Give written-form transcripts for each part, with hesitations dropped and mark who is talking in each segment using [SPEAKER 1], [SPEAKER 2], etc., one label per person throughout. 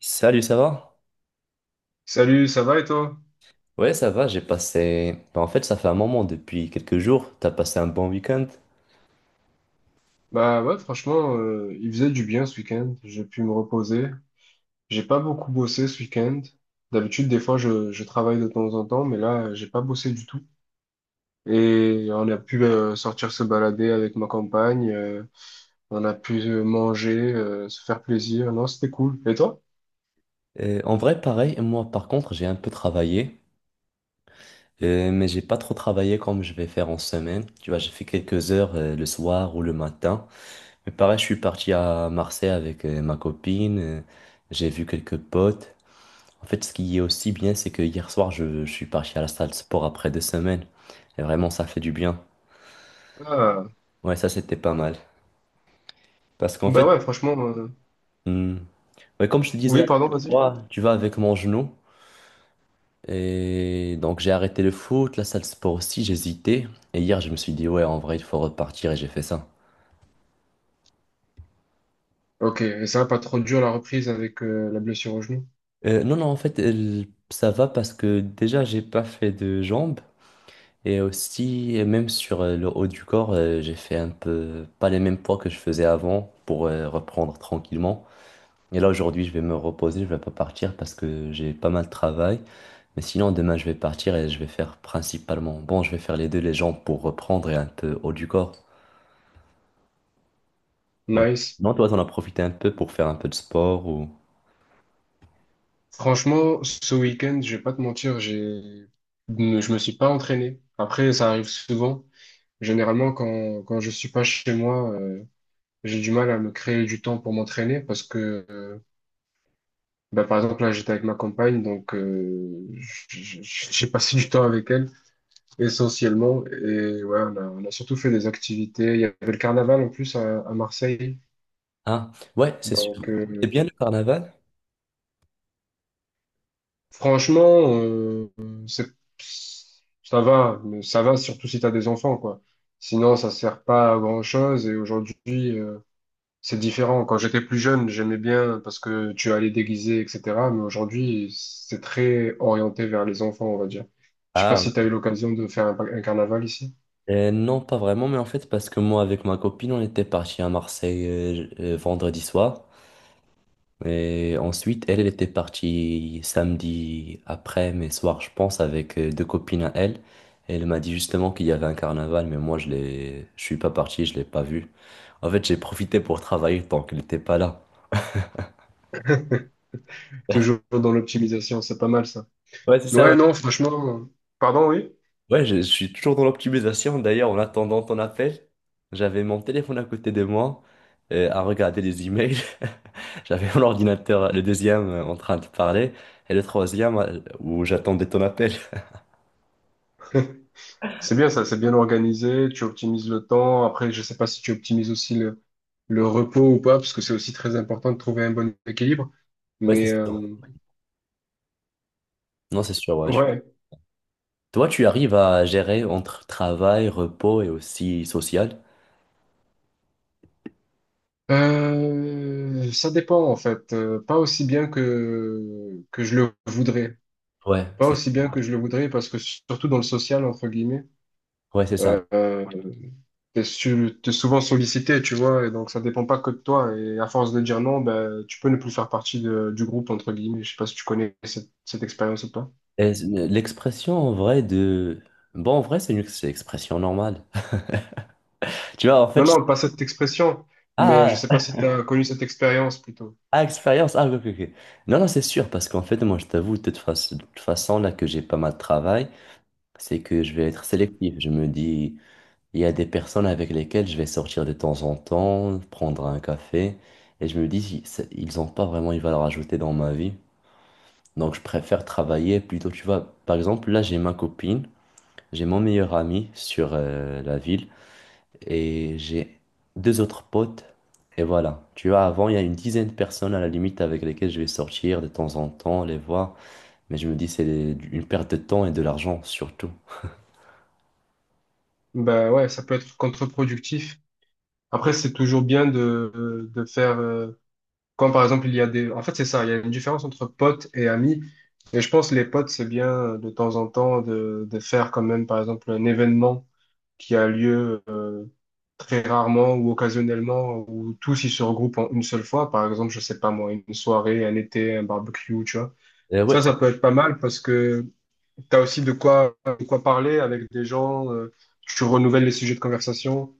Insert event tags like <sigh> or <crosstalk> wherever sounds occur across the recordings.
[SPEAKER 1] Salut, ça va?
[SPEAKER 2] Salut, ça va et toi?
[SPEAKER 1] Ouais, ça va, j'ai passé... ça fait un moment depuis quelques jours, t'as passé un bon week-end.
[SPEAKER 2] Bah ouais, franchement, il faisait du bien ce week-end. J'ai pu me reposer. J'ai pas beaucoup bossé ce week-end. D'habitude, des fois, je travaille de temps en temps, mais là, j'ai pas bossé du tout. Et on a pu sortir se balader avec ma compagne. On a pu manger, se faire plaisir. Non, c'était cool. Et toi?
[SPEAKER 1] Pareil, moi par contre, j'ai un peu travaillé, mais j'ai pas trop travaillé comme je vais faire en semaine. Tu vois, j'ai fait quelques heures le soir ou le matin. Mais pareil, je suis parti à Marseille avec ma copine, j'ai vu quelques potes. En fait, ce qui est aussi bien, c'est que hier soir, je suis parti à la salle de sport après 2 semaines. Et vraiment, ça fait du bien.
[SPEAKER 2] Ah,
[SPEAKER 1] Ouais, ça, c'était pas mal. Parce qu'en
[SPEAKER 2] bah
[SPEAKER 1] fait...
[SPEAKER 2] ouais, franchement.
[SPEAKER 1] hmm, mais comme je te disais la
[SPEAKER 2] Oui, pardon,
[SPEAKER 1] dernière
[SPEAKER 2] vas-y.
[SPEAKER 1] fois, tu vas avec mon genou. Et donc j'ai arrêté le foot, la salle de sport aussi, j'hésitais. Et hier, je me suis dit, ouais, en vrai, il faut repartir et j'ai fait ça.
[SPEAKER 2] Ok, et ça va pas trop dur la reprise avec la blessure au genou.
[SPEAKER 1] Non, non, en fait, ça va parce que déjà, j'ai pas fait de jambes. Et aussi, même sur le haut du corps, j'ai fait un peu, pas les mêmes poids que je faisais avant pour reprendre tranquillement. Et là, aujourd'hui, je vais me reposer, je vais pas partir parce que j'ai pas mal de travail. Mais sinon, demain, je vais partir et je vais faire principalement, bon, je vais faire les deux, les jambes pour reprendre et un peu haut du corps. Mm.
[SPEAKER 2] Nice.
[SPEAKER 1] Non, toi, t'en as profité un peu pour faire un peu de sport ou...
[SPEAKER 2] Franchement, ce week-end, je vais pas te mentir, j'ai, ne- je me suis pas entraîné. Après, ça arrive souvent. Généralement, quand je suis pas chez moi, j'ai du mal à me créer du temps pour m'entraîner parce que, bah, par exemple, là, j'étais avec ma compagne, donc, j'ai passé du temps avec elle, essentiellement. Et ouais, on a surtout fait des activités. Il y avait le carnaval, en plus, à Marseille.
[SPEAKER 1] Ah, ouais, c'est sûr.
[SPEAKER 2] Donc,
[SPEAKER 1] C'est
[SPEAKER 2] euh.
[SPEAKER 1] bien le carnaval?
[SPEAKER 2] Franchement, c'est, ça va, mais ça va surtout si tu as des enfants, quoi. Sinon, ça sert pas à grand-chose et aujourd'hui, c'est différent. Quand j'étais plus jeune, j'aimais bien parce que tu allais déguiser, etc. Mais aujourd'hui, c'est très orienté vers les enfants, on va dire. Je sais pas
[SPEAKER 1] Ah,
[SPEAKER 2] si tu as eu l'occasion de faire un carnaval ici.
[SPEAKER 1] non, pas vraiment, mais en fait, parce que moi, avec ma copine, on était parti à Marseille vendredi soir. Et ensuite, elle, elle était partie samedi après, mais soir, je pense, avec deux copines à elle. Et elle m'a dit justement qu'il y avait un carnaval, mais moi, je suis pas parti, je l'ai pas vu. En fait, j'ai profité pour travailler tant qu'elle n'était pas là.
[SPEAKER 2] <laughs> Toujours dans l'optimisation, c'est pas mal ça.
[SPEAKER 1] Ouais, c'est ça,
[SPEAKER 2] Ouais,
[SPEAKER 1] ouais.
[SPEAKER 2] non, franchement, pardon, oui.
[SPEAKER 1] Ouais, je suis toujours dans l'optimisation. D'ailleurs, en attendant ton appel, j'avais mon téléphone à côté de moi, à regarder les emails. <laughs> J'avais mon ordinateur, le deuxième, en train de parler, et le troisième, où j'attendais ton appel.
[SPEAKER 2] C'est bien ça, c'est bien organisé, tu optimises le temps. Après, je sais pas si tu optimises aussi le repos ou pas, parce que c'est aussi très important de trouver un bon équilibre.
[SPEAKER 1] Ouais, c'est
[SPEAKER 2] Mais
[SPEAKER 1] ça. Non, c'est sûr, ouais.
[SPEAKER 2] ouais.
[SPEAKER 1] Toi, tu arrives à gérer entre travail, repos et aussi social?
[SPEAKER 2] Ça dépend en fait. Pas aussi bien que je le voudrais.
[SPEAKER 1] Ouais,
[SPEAKER 2] Pas
[SPEAKER 1] c'est
[SPEAKER 2] aussi bien que je le voudrais, parce que surtout dans le social entre guillemets,
[SPEAKER 1] ouais, c'est ça.
[SPEAKER 2] euh, euh, t'es souvent sollicité, tu vois, et donc ça dépend pas que de toi. Et à force de dire non, ben tu peux ne plus faire partie de- du groupe entre guillemets. Je sais pas si tu connais cette expérience ou pas.
[SPEAKER 1] Et l'expression en vrai de... Bon, en vrai, c'est une expression normale. <laughs> Tu vois, en
[SPEAKER 2] Non,
[SPEAKER 1] fait,
[SPEAKER 2] non, pas cette expression, mais je
[SPEAKER 1] ah,
[SPEAKER 2] sais pas si tu as connu cette expérience plutôt.
[SPEAKER 1] expérience, ah, ok, ok. Non, non, c'est sûr, parce qu'en fait, moi, je t'avoue, de toute façon, là que j'ai pas mal de travail, c'est que je vais être sélectif. Je me dis, il y a des personnes avec lesquelles je vais sortir de temps en temps, prendre un café, et je me dis, ils ont pas vraiment une valeur ajoutée dans ma vie. Donc, je préfère travailler plutôt, tu vois. Par exemple, là, j'ai ma copine, j'ai mon meilleur ami sur la ville et j'ai deux autres potes. Et voilà. Tu vois, avant, il y a une dizaine de personnes à la limite avec lesquelles je vais sortir de temps en temps, les voir. Mais je me dis, c'est une perte de temps et de l'argent surtout.
[SPEAKER 2] Ben ouais, ça peut être contre-productif. Après, c'est toujours bien de faire… quand par exemple, il y a des… En fait, c'est ça, il y a une différence entre potes et amis. Et je pense les potes, c'est bien de temps en temps de faire quand même, par exemple, un événement qui a lieu très rarement ou occasionnellement, où tous ils se regroupent en une seule fois. Par exemple, je sais pas moi, une soirée, un été, un barbecue, tu vois.
[SPEAKER 1] Euh, ouais,
[SPEAKER 2] Ça peut être pas mal parce que t'as aussi de quoi parler avec des gens, tu renouvelles les sujets de conversation.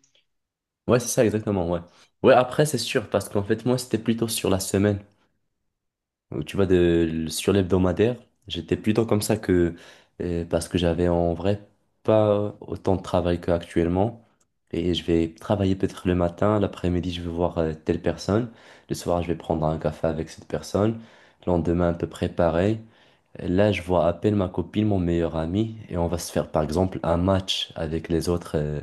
[SPEAKER 1] ouais, c'est ça, exactement, ouais. Ouais, après, c'est sûr, parce qu'en fait, moi, c'était plutôt sur la semaine. Ou tu vois, de, sur l'hebdomadaire, j'étais plutôt comme ça que parce que j'avais en vrai pas autant de travail qu'actuellement. Et je vais travailler peut-être le matin, l'après-midi, je vais voir telle personne. Le soir, je vais prendre un café avec cette personne. Le lendemain, à peu près pareil. Là, je vois à peine ma copine, mon meilleur ami, et on va se faire par exemple un match avec les autres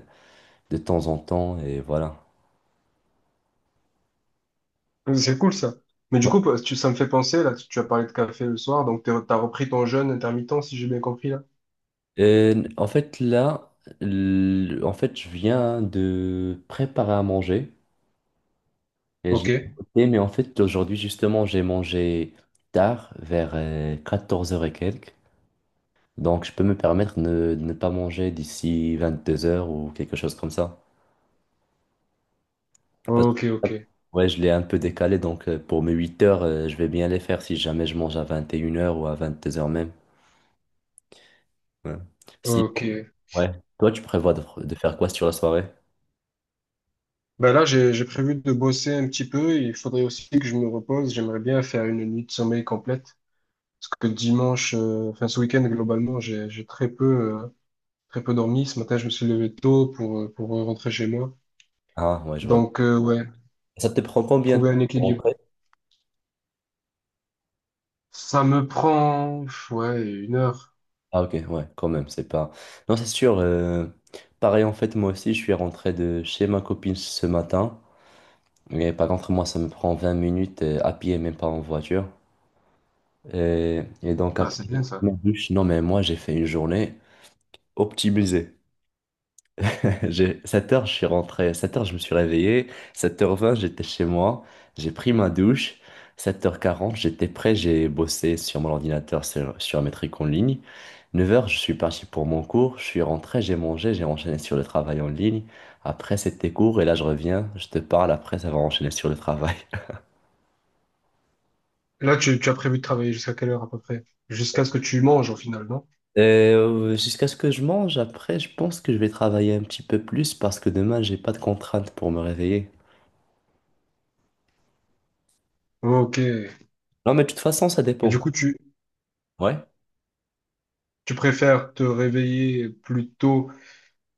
[SPEAKER 1] de temps en temps, et voilà.
[SPEAKER 2] C'est cool ça. Mais du coup, tu- ça me fait penser, là, tu as parlé de café le soir, donc t'es- t'as repris ton jeûne intermittent, si j'ai bien compris, là.
[SPEAKER 1] Euh, en fait, là, en fait, je viens de préparer à manger et je l'ai
[SPEAKER 2] Ok,
[SPEAKER 1] écouté, mais en fait, aujourd'hui, justement, j'ai mangé tard, vers 14 heures et quelques. Donc, je peux me permettre de ne pas manger d'ici 22 heures ou quelque chose comme ça. Parce que,
[SPEAKER 2] ok, ok,
[SPEAKER 1] ouais, je l'ai un peu décalé, donc pour mes 8 heures je vais bien les faire si jamais je mange à 21 heures ou à 22 heures même. Ouais. Si,
[SPEAKER 2] ok.
[SPEAKER 1] ouais. Toi, tu prévois de faire quoi sur la soirée?
[SPEAKER 2] Ben là, j'ai prévu de bosser un petit peu, il faudrait aussi que je me repose, j'aimerais bien faire une nuit de sommeil complète, parce que dimanche, enfin ce week-end, globalement, j'ai très peu, euh, très peu dormi, ce matin, je me suis levé tôt pour rentrer chez moi.
[SPEAKER 1] Ah, ouais, je vois.
[SPEAKER 2] Donc, ouais,
[SPEAKER 1] Ça te prend combien de
[SPEAKER 2] trouver un
[SPEAKER 1] temps pour
[SPEAKER 2] équilibre.
[SPEAKER 1] rentrer?
[SPEAKER 2] Ça me prend, pff, ouais, une heure.
[SPEAKER 1] Ah, ok, ouais, quand même, c'est pas... Non, c'est sûr. Pareil, en fait, moi aussi, je suis rentré de chez ma copine ce matin. Mais par contre, moi, ça me prend 20 minutes à pied, même pas en voiture. Et donc
[SPEAKER 2] Ah,
[SPEAKER 1] après,
[SPEAKER 2] c'est bien ça.
[SPEAKER 1] ma douche, non mais moi, j'ai fait une journée optimisée. 7 heures, je suis rentré. 7 heures, je me suis réveillé. 7:20, j'étais chez moi. J'ai pris ma douche. 7:40, j'étais prêt. J'ai bossé sur mon ordinateur, sur mes trucs en ligne. 9 heures, je suis parti pour mon cours. Je suis rentré, j'ai mangé, j'ai enchaîné sur le travail en ligne. Après, c'était cours et là, je reviens. Je te parle. Après, ça va enchaîner sur le travail.
[SPEAKER 2] Là, tu as prévu de travailler jusqu'à quelle heure à peu près? Jusqu'à ce que tu manges au final, non?
[SPEAKER 1] Et, jusqu'à ce que je mange, après, je pense que je vais travailler un petit peu plus parce que demain, j'ai pas de contraintes pour me réveiller.
[SPEAKER 2] Ok. Et
[SPEAKER 1] Non, mais de toute façon, ça dépend.
[SPEAKER 2] du coup,
[SPEAKER 1] Ouais.
[SPEAKER 2] tu préfères te réveiller plus tôt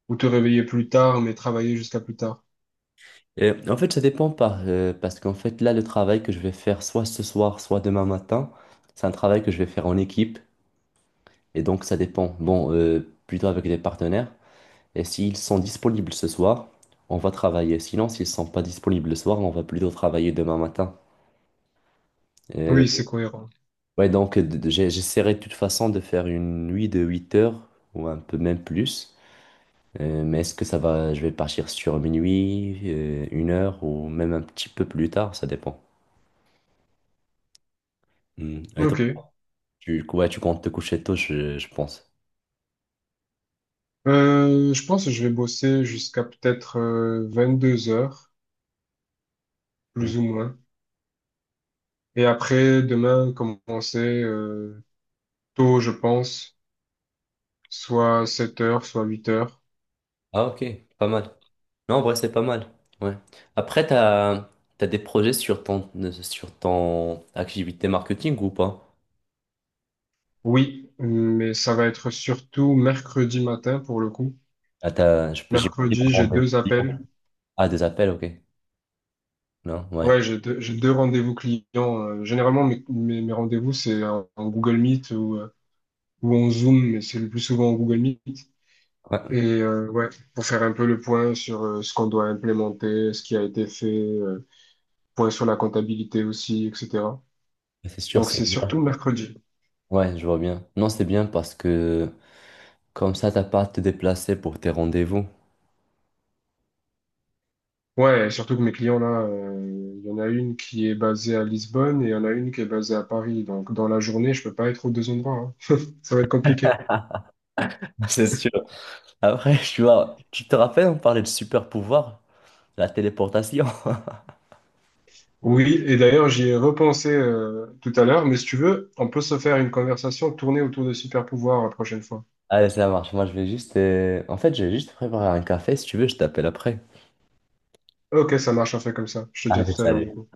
[SPEAKER 2] ou te réveiller plus tard, mais travailler jusqu'à plus tard?
[SPEAKER 1] Ça dépend par, parce qu'en fait, là, le travail que je vais faire soit ce soir, soit demain matin, c'est un travail que je vais faire en équipe. Et donc, ça dépend. Plutôt avec des partenaires. Et s'ils sont disponibles ce soir, on va travailler. Sinon, s'ils sont pas disponibles le soir, on va plutôt travailler demain matin. Euh,
[SPEAKER 2] Oui, c'est cohérent.
[SPEAKER 1] ouais, donc, j'essaierai de toute façon de faire une nuit de 8 heures ou un peu même plus. Mais est-ce que ça va, je vais partir sur minuit, une heure ou même un petit peu plus tard, ça dépend. Hmm. Et toi?
[SPEAKER 2] Ok.
[SPEAKER 1] Ouais, tu comptes te coucher tôt, je pense.
[SPEAKER 2] Je pense que je vais bosser jusqu'à peut-être 22 heures,
[SPEAKER 1] Hmm.
[SPEAKER 2] plus ou moins. Et après, demain, commencer tôt, je pense, soit 7 heures, soit 8 heures.
[SPEAKER 1] Ah, ok, pas mal. Non, en vrai, c'est pas mal. Ouais. Après, t'as des projets sur sur ton activité marketing ou pas?
[SPEAKER 2] Oui, mais ça va être surtout mercredi matin pour le coup.
[SPEAKER 1] Ah, t'as, je peux, j'imagine
[SPEAKER 2] Mercredi,
[SPEAKER 1] avant
[SPEAKER 2] j'ai deux
[SPEAKER 1] des clients.
[SPEAKER 2] appels.
[SPEAKER 1] Ah, des appels, ok. Non, ouais.
[SPEAKER 2] Ouais, j'ai 2 rendez-vous clients. Généralement, mes rendez-vous, c'est en Google Meet ou en Zoom, mais c'est le plus souvent en Google Meet.
[SPEAKER 1] Ouais,
[SPEAKER 2] Et ouais, pour faire un peu le point sur ce qu'on doit implémenter, ce qui a été fait, point sur la comptabilité aussi, etc.
[SPEAKER 1] c'est sûr,
[SPEAKER 2] Donc
[SPEAKER 1] c'est
[SPEAKER 2] c'est surtout
[SPEAKER 1] bien.
[SPEAKER 2] mercredi.
[SPEAKER 1] Ouais, je vois bien. Non, c'est bien parce que comme ça, t'as pas à te déplacer pour tes rendez-vous.
[SPEAKER 2] Ouais, surtout que mes clients là, il y en a une qui est basée à Lisbonne et il y en a une qui est basée à Paris. Donc dans la journée, je peux pas être aux deux endroits, hein. <laughs> Ça va être compliqué.
[SPEAKER 1] <laughs> C'est sûr. Après, tu vois, tu te rappelles, on parlait de super pouvoir, la téléportation.
[SPEAKER 2] Oui, et d'ailleurs j'y ai repensé tout à l'heure, mais si tu veux, on peut se faire une conversation tournée autour de super pouvoirs la prochaine fois.
[SPEAKER 1] Allez, ça marche. Moi, je vais juste. En fait, je vais juste préparer un café. Si tu veux, je t'appelle après.
[SPEAKER 2] Ok, ça marche, on fait comme ça. Je te dis à
[SPEAKER 1] Allez,
[SPEAKER 2] tout à l'heure du
[SPEAKER 1] salut.
[SPEAKER 2] coup.